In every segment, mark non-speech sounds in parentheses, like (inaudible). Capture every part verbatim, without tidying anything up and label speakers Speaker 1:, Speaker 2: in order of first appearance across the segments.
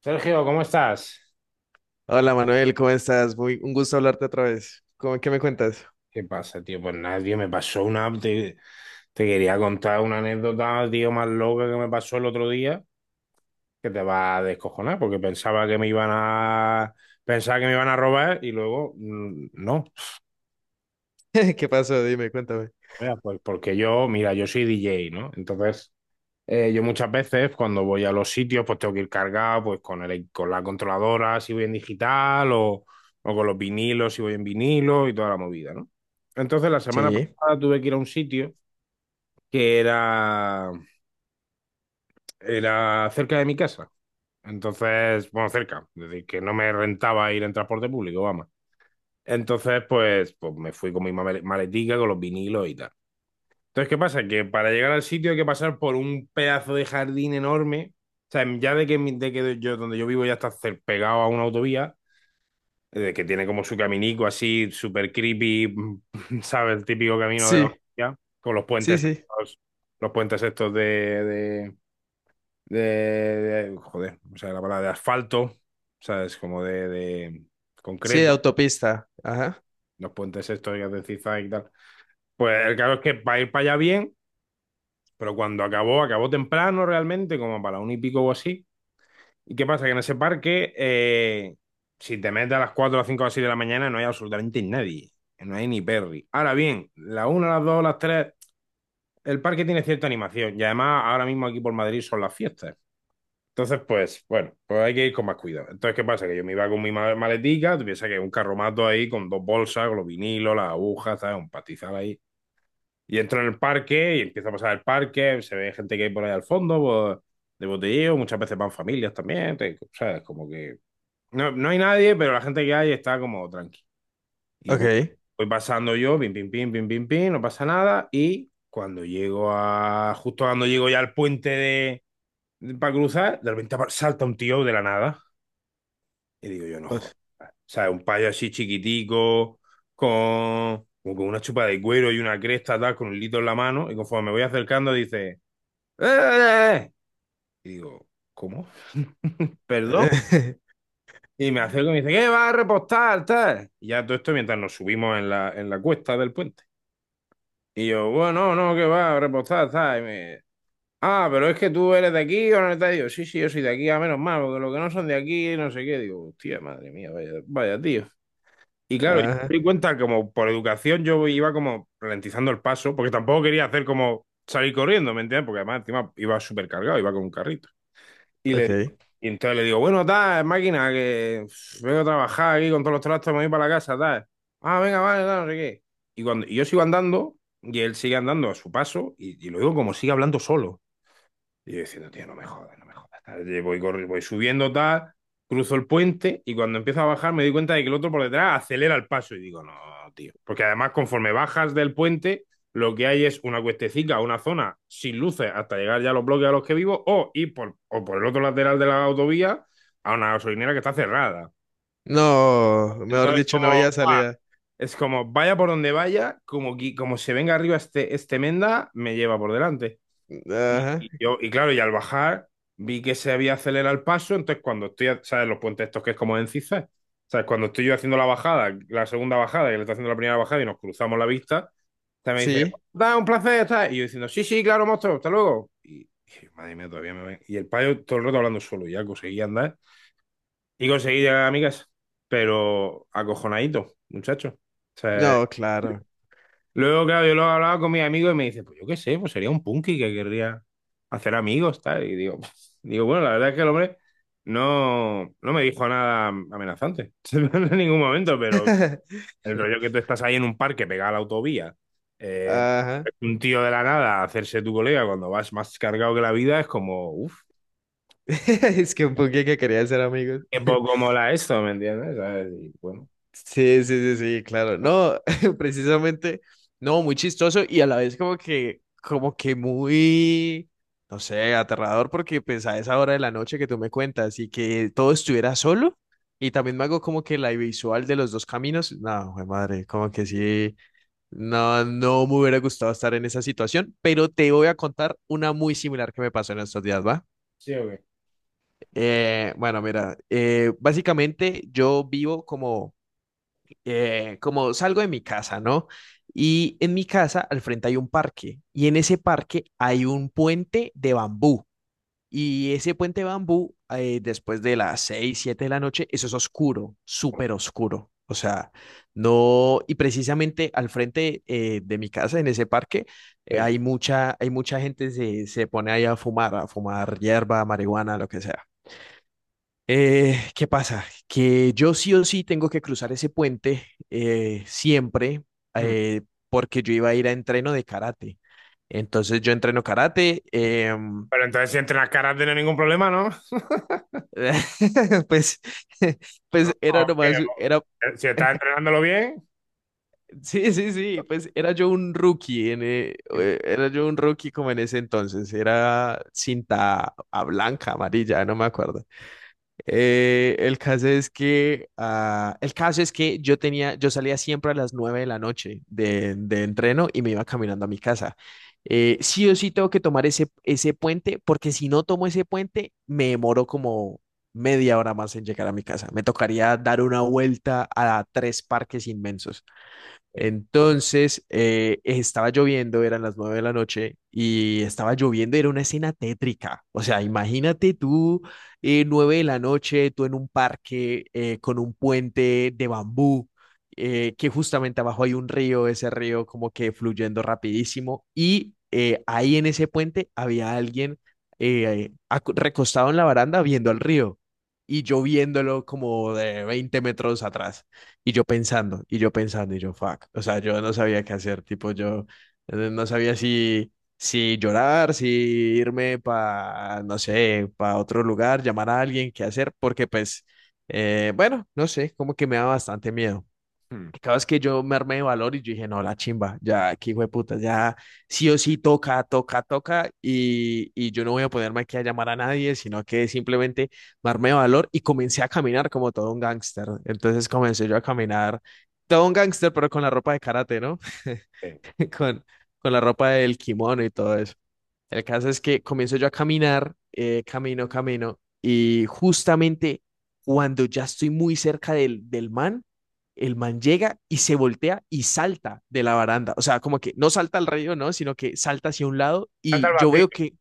Speaker 1: Sergio, ¿cómo estás?
Speaker 2: Hola Manuel, ¿cómo estás? Muy, un gusto hablarte otra vez. ¿Cómo, qué me cuentas?
Speaker 1: ¿Qué pasa, tío? Pues nada, tío, me pasó una... Te, te quería contar una anécdota, tío, más loca que me pasó el otro día, que te va a descojonar, porque pensaba que me iban a... Pensaba que me iban a robar y luego, mm, no.
Speaker 2: (laughs) ¿Qué pasó? Dime, cuéntame.
Speaker 1: O pues porque yo, mira, yo soy D J, ¿no? Entonces, Eh, yo muchas veces cuando voy a los sitios, pues tengo que ir cargado, pues con el, con la controladora si voy en digital o, o con los vinilos si voy en vinilo y toda la movida, ¿no? Entonces la semana
Speaker 2: Sí.
Speaker 1: pasada tuve que ir a un sitio que era, era cerca de mi casa. Entonces, bueno, cerca, es decir, que no me rentaba ir en transporte público, vamos. Entonces, pues, pues me fui con mi male- maletica, con los vinilos y tal. Entonces, ¿qué pasa? Que para llegar al sitio hay que pasar por un pedazo de jardín enorme. O sea, ya de que, mi- de que yo, donde yo vivo ya está cer- pegado a una autovía, eh, que tiene como su caminico así, súper creepy, (laughs) ¿sabes? El típico camino de la
Speaker 2: Sí,
Speaker 1: autovía, con los
Speaker 2: sí,
Speaker 1: puentes
Speaker 2: sí.
Speaker 1: estos, los puentes estos de, de, de- de- joder, o sea, la palabra de asfalto, ¿sabes? Como de, de
Speaker 2: Sí, de
Speaker 1: concreto,
Speaker 2: autopista. Ajá.
Speaker 1: los puentes estos que hacen zigzag y tal. Pues el caso es que para ir para allá bien. Pero cuando acabó, acabó temprano realmente, como para un y pico o así. ¿Y qué pasa? Que en ese parque, eh, si te metes a las cuatro a las cinco o así de la mañana, no hay absolutamente nadie. No hay ni Perry. Ahora bien, las una, las dos las tres el parque tiene cierta animación. Y además, ahora mismo aquí por Madrid son las fiestas. Entonces, pues, bueno, pues hay que ir con más cuidado. Entonces, ¿qué pasa? Que yo me iba con mi ma- maletica, tú piensas que un carromato ahí con dos bolsas, con los vinilos, las agujas, ¿sabes? Un pastizal ahí. Y entro en el parque y empiezo a pasar el parque, se ve gente que hay por ahí al fondo, pues, de botelleo, muchas veces van familias también, te- ¿sabes? Como que no, no hay nadie, pero la gente que hay está como tranqui. Y voy,
Speaker 2: Ok.
Speaker 1: voy pasando yo, pim, pim, pim, pim, pim, pim, no pasa nada. Y cuando llego a, justo cuando llego ya al puente de, para cruzar, de repente apa- salta un tío de la nada. Y digo yo, no jodas.
Speaker 2: Uf.
Speaker 1: O sea, un payo así chiquitico, con, como con una chupa de cuero y una cresta, tal, con un litro en la mano. Y conforme me voy acercando, dice, ¡Eh! Eh, eh". Y digo, ¿cómo? (laughs) ¿Perdón?
Speaker 2: (laughs)
Speaker 1: Y me acerco y me dice, ¿qué vas a repostar, tal? Y ya todo esto mientras nos subimos en la, en la cuesta del puente. Y yo, bueno, no, qué va a repostar, tal. Y me, ah, pero es que tú eres de aquí o no estás. Digo sí, sí, yo soy de aquí, a menos mal, porque los que no son de aquí, no sé qué. Digo, hostia, madre mía, vaya, vaya tío. Y claro, yo
Speaker 2: Ajá,
Speaker 1: me di cuenta como por educación yo iba como ralentizando el paso, porque tampoco quería hacer como salir corriendo, ¿me entiendes? Porque además encima iba súper cargado, iba con un carrito. Y le digo-
Speaker 2: ok.
Speaker 1: y entonces le digo, bueno, tal, máquina, que uf, vengo a trabajar aquí con todos los trastos, me voy para la casa, tal. Ah, venga, vale, tal, no sé qué. Y cuando y yo sigo andando, y él sigue andando a su paso, y, y lo digo como sigue hablando solo. Y yo diciendo, tío, no me jodas, no me jodas. Tal. Voy, corri- voy subiendo tal, cruzo el puente y cuando empiezo a bajar me doy cuenta de que el otro por detrás acelera el paso y digo, no, tío. Porque además conforme bajas del puente, lo que hay es una cuestecica, una zona sin luces hasta llegar ya a los bloques a los que vivo o ir por, o por el otro lateral de la autovía a una gasolinera que está cerrada.
Speaker 2: No, mejor
Speaker 1: Entonces,
Speaker 2: dicho,
Speaker 1: como,
Speaker 2: no había
Speaker 1: ¡buah!
Speaker 2: salida.
Speaker 1: Es como, vaya por donde vaya, como, qui- como se venga arriba este, este menda, me lleva por delante. Y,
Speaker 2: Ajá.
Speaker 1: y yo, y claro, y al bajar vi que se había acelerado el paso, entonces cuando estoy, a- ¿sabes? Los puentes estos que es como en zigzag, ¿sabes? Cuando estoy yo haciendo la bajada, la segunda bajada, que le está haciendo la primera bajada y nos cruzamos la vista, te me dice,
Speaker 2: Sí.
Speaker 1: da un placer, tal. Y yo diciendo, sí, sí, claro, monstruo, hasta luego. Y, y madre mía, todavía me ven. Y el payo todo el rato hablando solo, y ya conseguí andar y conseguí llegar a mi casa, pero acojonadito, muchacho. O sea,
Speaker 2: No, claro.
Speaker 1: luego, claro, yo lo he hablado con mis amigos y me dice, pues yo qué sé, pues sería un punky que querría hacer amigos, tal. Y digo, (laughs) digo, bueno, la verdad es que el hombre no, no me dijo nada amenazante (laughs) en ningún momento, pero
Speaker 2: (laughs)
Speaker 1: el rollo que tú estás ahí en un parque pegado a la autovía, eh,
Speaker 2: Ajá. (laughs)
Speaker 1: un tío de la nada hacerse tu colega cuando vas más cargado que la vida es como, uff,
Speaker 2: Es que un poquito que quería ser amigos.
Speaker 1: qué poco mola esto, ¿me entiendes? ¿Sabes? Y bueno,
Speaker 2: Sí, sí, sí, sí, claro. No, (laughs) precisamente, no, muy chistoso y a la vez como que, como que muy, no sé, aterrador porque pues a esa hora de la noche que tú me cuentas y que todo estuviera solo y también me hago como que la visual de los dos caminos. No, jue madre, como que sí, no, no me hubiera gustado estar en esa situación, pero te voy a contar una muy similar que me pasó en estos días, ¿va?
Speaker 1: sí o qué.
Speaker 2: Eh, bueno, mira, eh, básicamente yo vivo como eh, como salgo de mi casa, ¿no? Y en mi casa al frente hay un parque y en ese parque hay un puente de bambú y ese puente de bambú, eh, después de las seis siete de la noche, eso es oscuro, súper oscuro. O sea, no, y precisamente al frente, eh, de mi casa, en ese parque, eh,
Speaker 1: Sí.
Speaker 2: hay mucha, hay mucha gente se, se pone ahí a fumar, a fumar, hierba, marihuana, lo que sea. Eh, ¿qué pasa? Que yo sí o sí tengo que cruzar ese puente, eh, siempre,
Speaker 1: Hmm.
Speaker 2: eh, porque yo iba a ir a entreno de karate. Entonces yo entreno karate. em,
Speaker 1: Pero entonces si entrenas caras no hay ningún problema, ¿no? (laughs)
Speaker 2: (laughs) pues, (laughs)
Speaker 1: ¿No?
Speaker 2: pues era
Speaker 1: ¿O qué?
Speaker 2: nomás, era,
Speaker 1: Si estás entrenándolo bien.
Speaker 2: sí, sí, sí, pues era yo un rookie, en, eh, eh, era yo un rookie como en ese entonces, era cinta a blanca, amarilla, no me acuerdo. Eh, el caso es que, ah, el caso es que yo tenía, yo salía siempre a las nueve de la noche de, de entreno y me iba caminando a mi casa. Eh, sí o sí tengo que tomar ese, ese puente, porque si no tomo ese puente, me demoro como media hora más en llegar a mi casa. Me tocaría dar una vuelta a tres parques inmensos.
Speaker 1: Sí.
Speaker 2: Entonces, eh, estaba lloviendo, eran las nueve de la noche y estaba lloviendo, era una escena tétrica. O sea, imagínate tú, eh, nueve de la noche, tú en un parque, eh, con un puente de bambú, eh, que justamente abajo hay un río, ese río como que fluyendo rapidísimo y, eh, ahí en ese puente había alguien, eh, acu- recostado en la baranda viendo al río y yo viéndolo como de veinte metros atrás. Y yo pensando, y yo pensando, y yo, fuck. O sea, yo no sabía qué hacer, tipo, yo, eh, no sabía si, si llorar, si irme para, no sé, para otro lugar, llamar a alguien, qué hacer, porque pues, eh, bueno, no sé, como que me da bastante miedo
Speaker 1: Hmm.
Speaker 2: cada vez que yo me armé de valor y yo dije, no, la chimba, ya, aquí hijo de puta, ya sí o sí toca, toca, toca, y, y yo no voy a ponerme aquí a llamar a nadie, sino que simplemente me armé de valor y comencé a caminar como todo un gángster. Entonces comencé yo a caminar, todo un gángster, pero con la ropa de karate, ¿no? (laughs)
Speaker 1: Sí.
Speaker 2: Con, con la ropa del kimono y todo eso. El caso es que comienzo yo a caminar, eh, camino, camino, y justamente cuando ya estoy muy cerca del, del man, el man llega y se voltea y salta de la baranda. O sea, como que no salta al río, ¿no? Sino que salta hacia un lado
Speaker 1: Salta al
Speaker 2: y yo
Speaker 1: vacío,
Speaker 2: veo que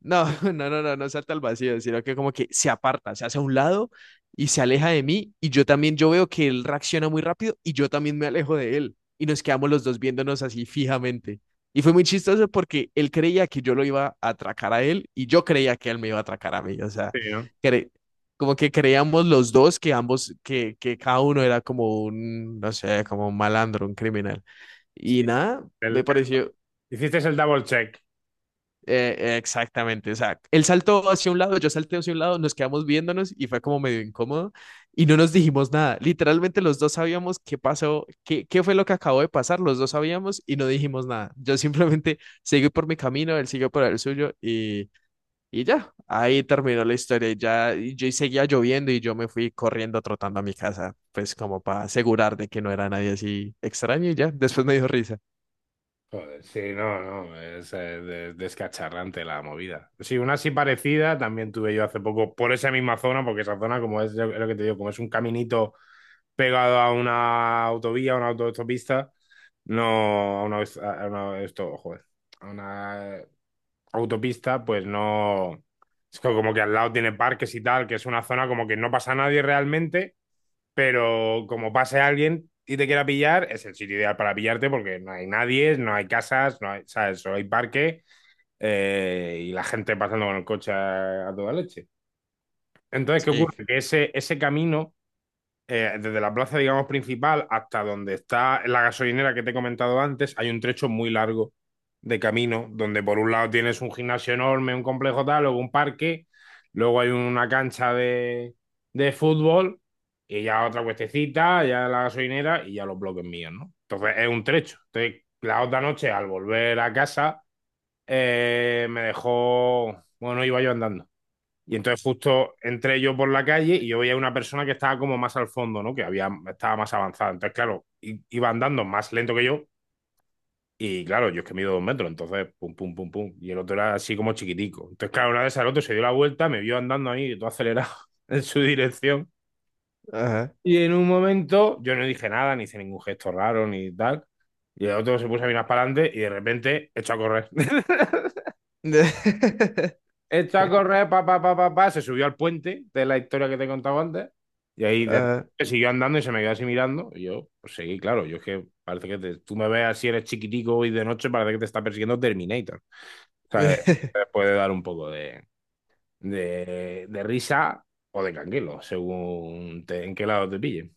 Speaker 2: no, (laughs) no, no, no, no salta al vacío, sino que como que se aparta, se hace a un lado y se aleja de mí y yo también, yo veo que él reacciona muy rápido y yo también me alejo de él y nos quedamos los dos viéndonos así fijamente. Y fue muy chistoso porque él creía que yo lo iba a atracar a él y yo creía que él me iba a atracar a mí. O sea,
Speaker 1: sí, ¿no?
Speaker 2: cre- como que creíamos los dos que ambos, que, que cada uno era como un, no sé, como un malandro, un criminal.
Speaker 1: Sí.
Speaker 2: Y nada,
Speaker 1: El-
Speaker 2: me
Speaker 1: el-
Speaker 2: pareció,
Speaker 1: hiciste el double check.
Speaker 2: eh, exactamente. O sea, él saltó hacia un lado, yo salté hacia un lado, nos quedamos viéndonos y fue como medio incómodo y no nos dijimos nada. Literalmente los dos sabíamos qué pasó, qué, qué fue lo que acabó de pasar, los dos sabíamos y no dijimos nada. Yo simplemente (laughs) seguí por mi camino, él siguió por el suyo y, y ya, ahí terminó la historia. Y ya y yo y seguía lloviendo y yo me fui corriendo, trotando a mi casa, pues como para asegurar de que no era nadie así extraño y ya, después me dio risa.
Speaker 1: Joder, sí, no, no, es eh, de- descacharrante la movida. Sí, una así parecida también tuve yo hace poco por esa misma zona, porque esa zona, como es lo lo que te digo, como es un caminito pegado a una autovía, a una autopista, no, a una, a una- esto, joder, a una autopista, pues no, es co- como que al lado tiene parques y tal, que es una zona como que no pasa nadie realmente, pero como pase alguien y te quiera pillar, es el sitio ideal para pillarte porque no hay nadie, no hay casas, no hay, ¿sabes? Solo hay parque eh, y la gente pasando con el coche a, a toda leche. Entonces, ¿qué
Speaker 2: Sí,
Speaker 1: ocurre? Que ese, ese camino eh, desde la plaza, digamos, principal hasta donde está la gasolinera que te he comentado antes, hay un trecho muy largo de camino, donde por un lado tienes un gimnasio enorme, un complejo tal, luego un parque, luego hay una cancha de, de fútbol, y ya otra cuestecita, ya la gasolinera y ya los bloques míos, ¿no? Entonces es un trecho. Entonces, la otra noche, al volver a casa, eh, me dejó, bueno, iba yo andando y entonces justo entré yo por la calle y yo veía una persona que estaba como más al fondo, ¿no? Que había, estaba más avanzada. Entonces, claro, i- iba andando más lento que yo. Y claro, yo es que mido dos metros, entonces pum, pum, pum, pum. Y el otro era así como chiquitico. Entonces, claro, una vez al otro se dio la vuelta, me vio andando ahí, todo acelerado (laughs) en su dirección.
Speaker 2: ajá.
Speaker 1: Y en un momento yo no dije nada, ni hice ningún gesto raro, ni tal. Y el otro se puso a mirar para adelante y de repente echó a correr.
Speaker 2: (laughs)
Speaker 1: Echó a correr, pa, pa, pa, pa, pa, se subió al puente de la historia que te he contado antes. Y ahí de-
Speaker 2: Ajá.
Speaker 1: siguió andando y se me quedó así mirando. Y yo, pues seguí, claro. Yo es que parece que te- tú me ves así, eres chiquitico y de noche parece que te está persiguiendo Terminator. O sea, eh, te
Speaker 2: (laughs)
Speaker 1: puede dar un poco de, de, de risa o de canguelo, según te- en qué lado te pille.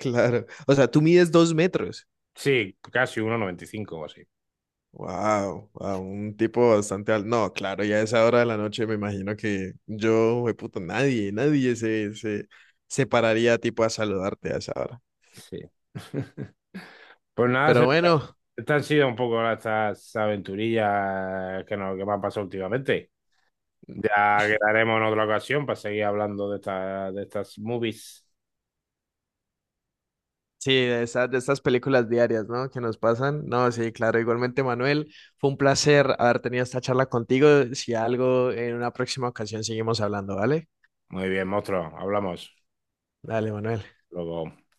Speaker 2: Claro. O sea, tú mides dos metros.
Speaker 1: Sí, casi uno noventa y cinco o así.
Speaker 2: Wow, wow, un tipo bastante alto. No, claro, ya a esa hora de la noche me imagino que yo, puto nadie, nadie se, se, se pararía tipo a saludarte a esa hora.
Speaker 1: Sí. (laughs) Pues nada,
Speaker 2: Pero
Speaker 1: Sergio,
Speaker 2: bueno,
Speaker 1: estas han sido un poco estas aventurillas que, nos, que me han pasado últimamente. Ya quedaremos en otra ocasión para seguir hablando de esta- de estas movies.
Speaker 2: sí, de esas, de estas películas diarias, ¿no? Que nos pasan. No, sí, claro, igualmente, Manuel, fue un placer haber tenido esta charla contigo. Si algo, en una próxima ocasión seguimos hablando, ¿vale?
Speaker 1: Muy bien, monstruo, hablamos.
Speaker 2: Dale, Manuel.
Speaker 1: Luego.